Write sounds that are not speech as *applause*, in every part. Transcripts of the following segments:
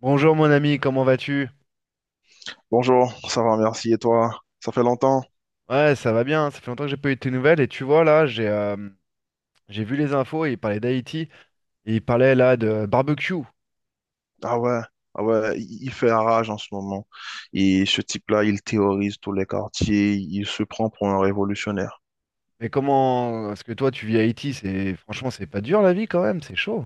Bonjour mon ami, comment vas-tu? Bonjour, ça va, merci. Et toi? Ça fait longtemps? Ouais, ça va bien, ça fait longtemps que j'ai pas eu de tes nouvelles et tu vois là, j'ai vu les infos, il parlait d'Haïti et il parlait là de barbecue. Ah ouais, ah ouais, il fait rage en ce moment. Et ce type-là, il théorise tous les quartiers, il se prend pour un révolutionnaire. Mais comment parce que toi tu vis à Haïti, c'est franchement c'est pas dur la vie quand même, c'est chaud.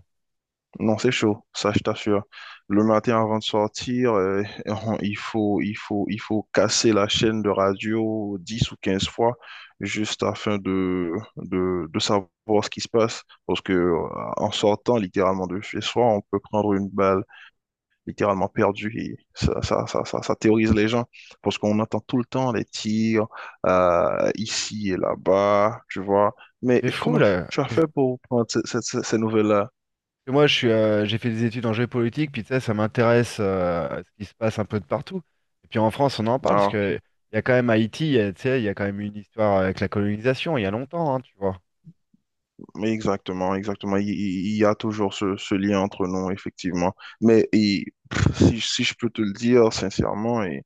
Non, c'est chaud, ça je t'assure. Le matin avant de sortir, *laughs* il faut casser la chaîne de radio 10 ou 15 fois juste afin de savoir ce qui se passe. Parce que en sortant littéralement de chez soi, on peut prendre une balle littéralement perdu et ça terrorise les gens parce qu'on entend tout le temps les tirs ici et là-bas, tu vois. Mais Mais c'est fou comment là. tu as Qu'est-ce fait pour prendre ces nouvelles-là? que moi je suis j'ai fait des études en géopolitique, puis tu sais, ça m'intéresse à ce qui se passe un peu de partout. Et puis en France, on en parle parce Ah, ok. que il y a quand même Haïti, tu sais, il y a quand même une histoire avec la colonisation, il y a longtemps, hein, tu vois. Mais exactement, exactement. Il y a toujours ce lien entre nous, effectivement. Mais et, si je peux te le dire sincèrement, et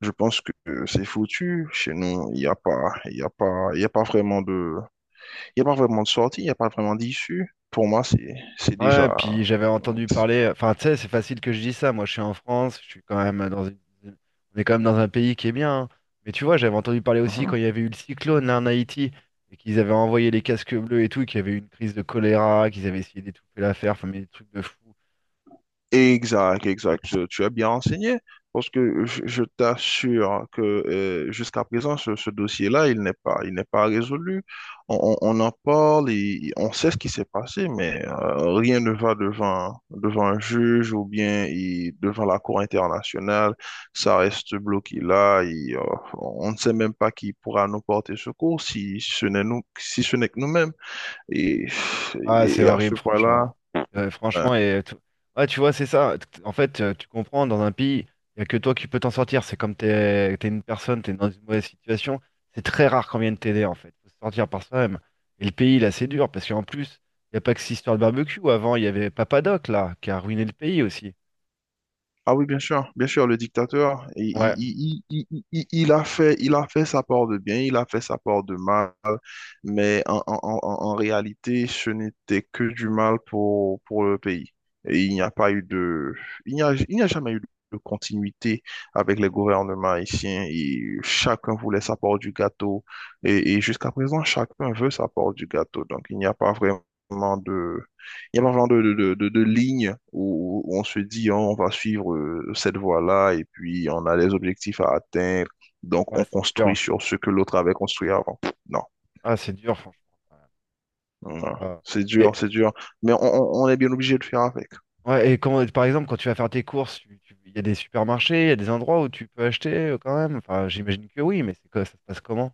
je pense que c'est foutu. Chez nous, il n'y a pas, il y a pas vraiment de, il y a pas vraiment de sortie, il n'y a pas vraiment d'issue. Pour moi, c'est Ouais, déjà, puis j'avais entendu différentes. parler, enfin tu sais, c'est facile que je dise ça, moi je suis en France, je suis quand même dans une... on est quand même dans un pays qui est bien, hein. Mais tu vois, j'avais entendu parler aussi quand Mhm. il y avait eu le cyclone là en Haïti, et qu'ils avaient envoyé les casques bleus et tout, et qu'il y avait eu une crise de choléra, qu'ils avaient essayé d'étouffer l'affaire, enfin mais des trucs de fou. Exact, exact. Tu es bien renseigné parce que je t'assure que jusqu'à présent, ce dossier-là, il n'est pas résolu. On en parle et on sait ce qui s'est passé, mais rien ne va devant, devant un juge ou bien devant la Cour internationale. Ça reste bloqué là et on ne sait même pas qui pourra nous porter secours si ce n'est nous, si ce n'est que nous-mêmes. Et, Ah, c'est et à ce horrible, franchement. point-là, hein, Franchement, ouais, tu vois, c'est ça. En fait, tu comprends, dans un pays, il n'y a que toi qui peux t'en sortir. C'est comme t'es une personne, t'es dans une mauvaise situation. C'est très rare qu'on vienne t'aider, en fait. Faut se sortir par soi-même. Et le pays, là, c'est dur, parce qu'en plus, il n'y a pas que cette histoire de barbecue. Avant, il y avait Papadoc, là, qui a ruiné le pays aussi. Ah oui, bien sûr, le dictateur, il, Ouais, il, il, il, il- il a fait, il a fait sa part de bien, il a fait sa part de mal, mais en réalité, ce n'était que du mal pour le pays. Et il n'y a pas eu de, il n'y a jamais eu de continuité avec les gouvernements haïtiens et chacun voulait sa part du gâteau et jusqu'à présent, chacun veut sa part du gâteau. Donc, il n'y a pas vraiment il y a un genre de ligne où on se dit, oh, on va suivre cette voie-là et puis on a des objectifs à atteindre. Donc, ouais, on c'est construit dur. sur ce que l'autre avait construit avant. Non, Ah, c'est dur, franchement. non, Ouais. Ah. c'est dur, c'est dur. Mais on est bien obligé de faire avec. Ouais, et quand, par exemple, quand tu vas faire tes courses, il y a des supermarchés, il y a des endroits où tu peux acheter quand même. Enfin, j'imagine que oui, mais c'est quoi, ça se passe comment?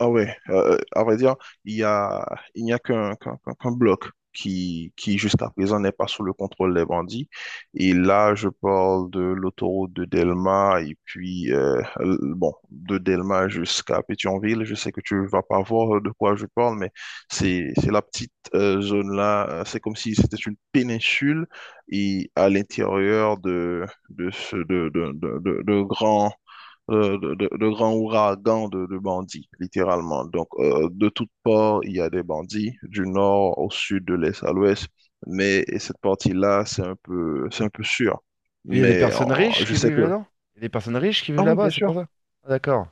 Ah ouais, à vrai dire, il y a, il n'y a qu'un bloc qui jusqu'à présent n'est pas sous le contrôle des bandits. Et là, je parle de l'autoroute de Delma et puis, bon, de Delma jusqu'à Pétionville. Je sais que tu vas pas voir de quoi je parle, mais c'est la petite zone-là. C'est comme si c'était une péninsule et à l'intérieur de grands de grands ouragans de bandits, littéralement. Donc, de toutes parts, il y a des bandits, du nord au sud, de l'est à l'ouest. Mais et cette partie-là, c'est un peu sûr. Il y a des Mais personnes riches je qui sais vivent que... là-dedans? Il y a des personnes riches qui vivent Ah oui, là-bas, bien c'est pour sûr. ça? Ah, d'accord.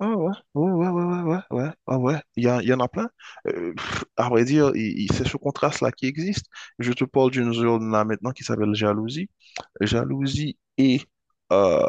Ah ouais, ouais, ouais, ouais, ouais, ouais, ouais, ouais, ouais. Il y en a plein. À vrai dire, c'est ce contraste-là qui existe. Je te parle d'une zone là maintenant qui s'appelle Jalousie. Jalousie et, euh,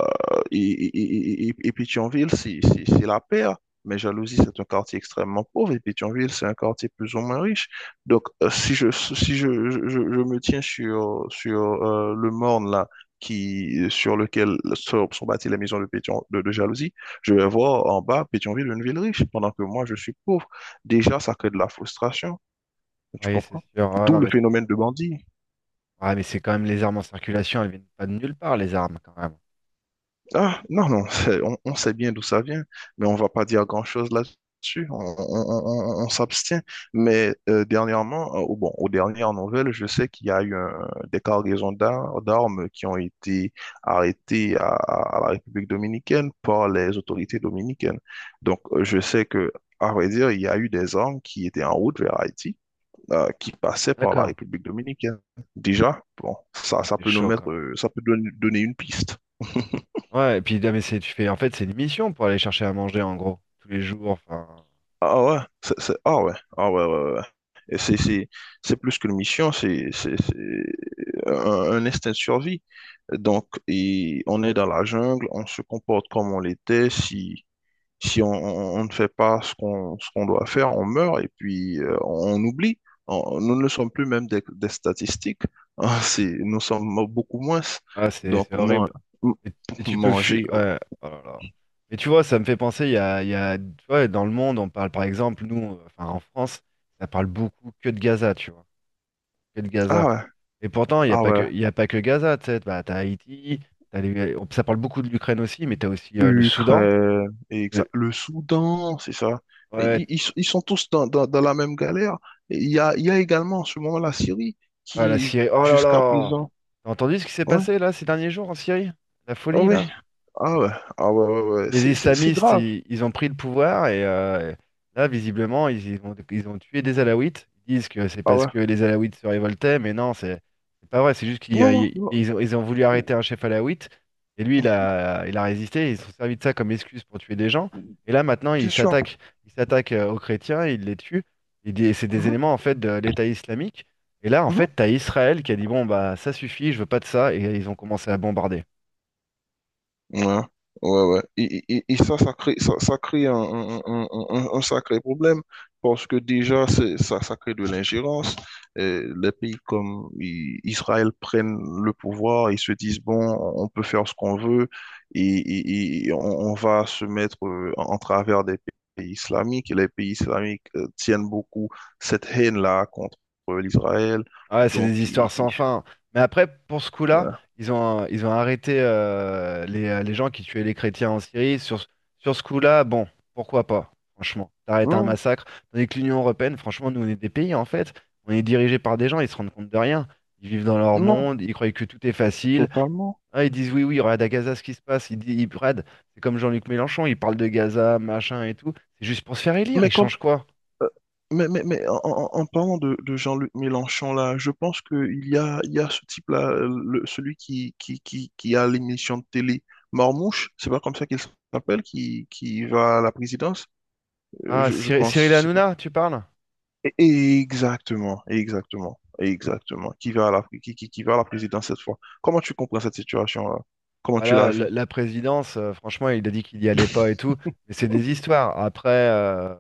et Pétionville, c'est la paire. Mais Jalousie, c'est un quartier extrêmement pauvre et Pétionville, c'est un quartier plus ou moins riche. Donc, si je, si je, je me tiens sur, sur le morne là, qui, sur lequel sont bâties les maisons de, Pétion, de Jalousie, je vais voir en bas Pétionville, une ville riche, pendant que moi, je suis pauvre. Déjà, ça crée de la frustration. Tu Oui, c'est comprends? sûr. Ah, D'où non, le mais c'est phénomène sûr. de bandit. Ah, mais c'est quand même les armes en circulation, elles viennent pas de nulle part, les armes, quand même. Ah, non, non, on sait bien d'où ça vient, mais on va pas dire grand-chose là-dessus. On s'abstient. Mais dernièrement, bon, aux dernières nouvelles, je sais qu'il y a eu des cargaisons d'armes qui ont été arrêtées à la République dominicaine par les autorités dominicaines. Donc, je sais que, à vrai dire, il y a eu des armes qui étaient en route vers Haïti, qui passaient par la D'accord. République dominicaine. Déjà, bon, ça, Ah, ça c'est peut nous chaud, quand mettre, même. Ça peut donner une piste. *laughs* Ouais, et puis, non, mais c'est, tu fais, en fait, c'est une mission pour aller chercher à manger, en gros, tous les jours. Enfin, Ah ouais, ah ouais, ah ouais, ouais, ouais, ouais. Et c'est plus qu'une mission, c'est un, un instinct de survie. Donc, et on est dans la jungle, on se comporte comme on l'était. Si on ne fait pas ce qu'on doit faire, on meurt et puis on, oublie. Nous ne sommes plus même des statistiques. *laughs* Nous sommes beaucoup moins. ah, c'est Donc, c'est horrible. m- Et, et tu peux fuir. manger. Oh. Ouais, oh là là. Mais tu vois, ça me fait penser, tu vois, dans le monde, on parle par exemple, nous, enfin en France, ça parle beaucoup que de Gaza, tu vois, que de Ah Gaza. ouais, Et pourtant, ah ouais. il y a pas que Gaza, tu sais, bah, t'as Haïti, ça parle beaucoup de l'Ukraine aussi, mais t'as aussi le Soudan, Ukraine, le- le Soudan, c'est ça. Et ouais, Ils, ils sont ils sont tous dans la même galère. Et il y a également en ce moment la Syrie ah, la qui, Syrie. Oh là jusqu'à là! présent, T'as entendu ce qui s'est ouais, passé là ces derniers jours en Syrie? La oh folie ouais, là? ah ouais, ah ouais, ouais, ouais. Les C'est islamistes, grave, ils ont pris le pouvoir et là, visiblement, ils ont, ils ont tué des Alaouites. Ils disent que c'est ah parce ouais. que les Alaouites se révoltaient, mais non, c'est pas vrai. C'est juste qu'ils Non, euh, ils- non, ils ont voulu arrêter un chef Alaouite et lui, il a résisté. Ils se sont servis de ça comme excuse pour tuer des gens. non. Et là, maintenant, Bien sûr. Ils s'attaquent aux chrétiens, ils les tuent. C'est des Mhm, éléments en fait de l'État islamique. Et là, en mhm. fait, t'as Israël qui a dit bon bah ça suffit, je veux pas de ça, et ils ont commencé à bombarder. Ouais, ouais, ouais. Et ça crée, ça crée un sacré problème parce que déjà, ça, ça crée de l'ingérence. Les pays comme Israël prennent le pouvoir, ils se disent, bon, on peut faire ce qu'on veut et on va se mettre en travers des pays islamiques. Et les pays islamiques tiennent beaucoup cette haine-là contre l'Israël. Ah ouais, c'est des Donc, histoires sans fin. Mais après, pour ce coup-là, ouais. Ils ont arrêté les gens qui tuaient les chrétiens en Syrie. Sur ce coup-là, bon, pourquoi pas, franchement. T'arrêtes un Hum, massacre. Tandis que l'Union européenne, franchement, nous, on est des pays, en fait. On est dirigés par des gens, ils se rendent compte de rien. Ils vivent dans leur non, monde, ils croient que tout est facile. totalement. Ah, ils disent oui, oui, regarde à Gaza ce qui se passe. Ils disent, ils, regarde, c'est comme Jean-Luc Mélenchon, il parle de Gaza, machin et tout. C'est juste pour se faire élire, Mais ils quand changent quoi? Euh, Mais, mais en parlant de Jean-Luc Mélenchon, là, je pense il y a ce type-là, celui qui a l'émission de télé Marmouche, c'est pas comme ça qu'il s'appelle, qui va à la présidence, Ah, je Cyril pense, c'est bon. Hanouna, tu parles? Exactement, exactement, exactement, qui va à la, qui va à la présidence cette fois. Comment tu comprends cette situation-là? Comment Bah tu la là, vis? la présidence, franchement, il a dit qu'il y allait pas et tout, mais c'est des histoires. Après,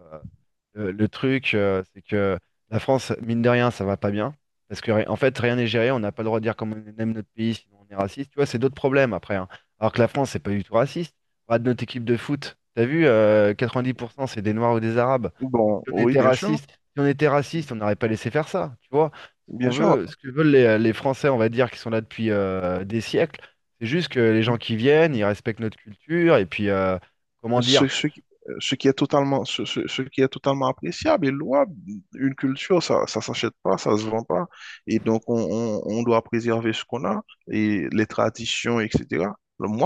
le truc, c'est que la France, mine de rien, ça va pas bien. Parce que, en fait, rien n'est géré, on n'a pas le droit de dire comment on aime notre pays, sinon on est raciste. Tu vois, c'est d'autres problèmes après, hein. Alors que la France, c'est pas du tout raciste. Regarde notre équipe de foot, t'as vu, 90% c'est des Noirs ou des Arabes. Bon, oui, bien sûr, Si on était raciste, on n'aurait pas laissé faire ça, tu vois. Ce bien qu'on sûr. veut, ce que veulent les Français, on va dire, qui sont là depuis des siècles. C'est juste que les gens qui viennent, ils respectent notre culture, et puis, comment dire, Ce, ce qui ce qui est totalement appréciable et louable. Une culture, ça s'achète pas, ça se vend pas. Et donc, on doit préserver ce qu'on a et les traditions, etc.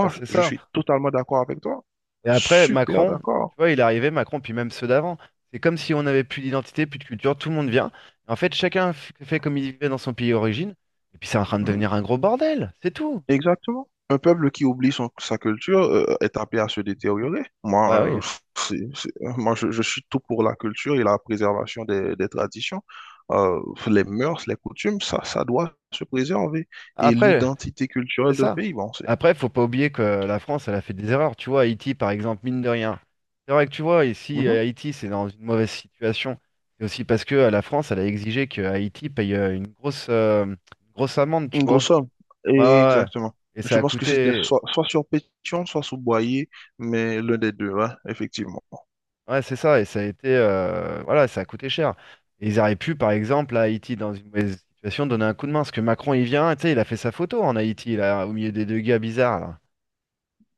bah, c'est je ça. suis totalement d'accord avec toi. Et après, Super Macron, tu d'accord. vois, il est arrivé, Macron, puis même ceux d'avant. C'est comme si on n'avait plus d'identité, plus de culture, tout le monde vient. En fait, fait comme il vivait dans son pays d'origine, et puis c'est en train de Mhm. devenir un gros bordel, c'est tout. Exactement. Un peuple qui oublie sa culture est appelé à se détériorer. Moi, Bah oui. *laughs* Moi je suis tout pour la culture et la préservation des traditions. Euh, les mœurs, les coutumes, ça doit se préserver. Et Après. l'identité C'est culturelle d'un ça. pays, bon, c'est... Après, faut pas oublier que la France, elle a fait des erreurs. Tu vois, Haïti, par exemple, mine de rien. C'est vrai que tu vois, ici, Mhm. Haïti, c'est dans une mauvaise situation. C'est aussi parce que la France, elle a exigé que Haïti paye une grosse, une grosse amende, tu Une grosse vois. somme. Ouais, ouais, Et ouais. exactement. Et ça Je a pense que c'était coûté. soit sur Pétion, soit sur Boyer, mais l'un des deux, hein, effectivement. *laughs* Ouais, c'est ça. Et ça a été. Euh, voilà, ça a coûté cher. Et ils auraient pu, par exemple, à Haïti, dans une mauvaise situation, donner un coup de main. Parce que Macron, il vient, tu sais, il a fait sa photo en Haïti, là, au milieu des deux gars bizarres, là.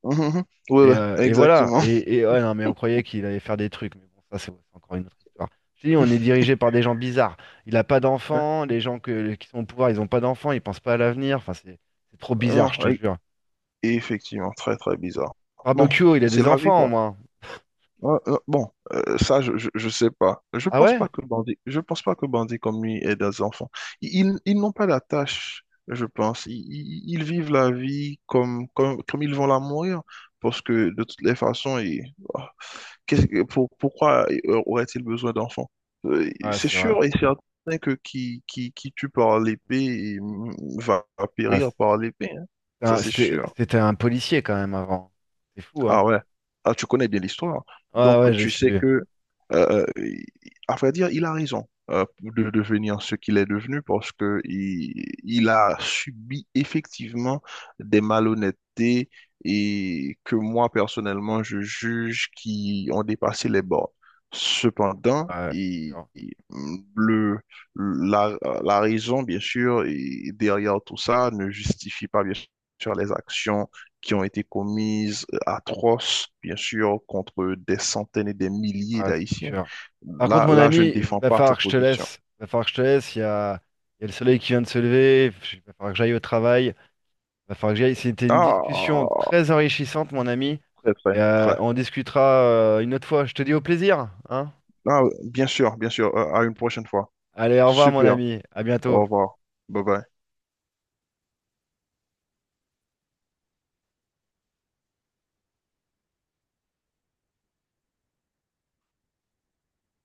Mhm, mhm. Oui, oui, Et voilà. exactement. Et ouais, non, mais on croyait qu'il allait faire des trucs. Mais bon, ça, c'est encore une autre histoire. Je te dis, on est *laughs* dirigé par des gens bizarres. Il n'a pas d'enfants. Qui sont au pouvoir, ils n'ont pas d'enfants. Ils pensent pas à l'avenir. Enfin, c'est trop Hein, bizarre, je te non. jure. Et effectivement, très très bizarre. Bon, Barbecue, il a c'est des la vie, enfants, au quoi. moins. Ouais, bon, ça, je sais pas. Ah ouais? Je pense pas que bandit comme lui aide des enfants. Ils n'ont pas la tâche, je pense. Ils vivent la vie comme ils vont la mourir. Parce que de toutes les façons, ah, pourquoi aurait-il besoin d'enfants? Ouais, C'est c'est vrai. sûr et certain que qui tue par l'épée il va Ouais, périr c'était par l'épée, hein. Ça, c'est sûr. C'était un policier, quand même, avant. C'est fou, hein? Ah ouais. Ah, tu connais bien l'histoire. Ouais, Donc, ouais, j'ai tu sais su. que, euh, il- à vrai dire, il a raison de devenir ce qu'il est devenu parce que il a subi effectivement des malhonnêtetés et que moi, personnellement, je juge qui ont dépassé les bords. Cependant, Ouais, c'est dur. Le, la, la raison, bien sûr, et derrière tout ça ne justifie pas, bien sûr, les actions qui ont été commises atroces, bien sûr, contre des centaines et des milliers Ouais, c'est d'Haïtiens. sûr. Par contre, Là, mon là, je ne ami, défends va pas falloir cette que je te position. laisse. Va falloir que je te laisse. Il y a le soleil qui vient de se lever. Il va falloir que j'aille au travail. Va falloir que j'aille. C'était une discussion Ah, très enrichissante, mon ami. très, très, Et, très. on discutera une autre fois. Je te dis au plaisir, hein? Ah, bien sûr, bien sûr. À une prochaine fois. Allez, au revoir, mon Super. ami. À Au bientôt. revoir. Bye bye.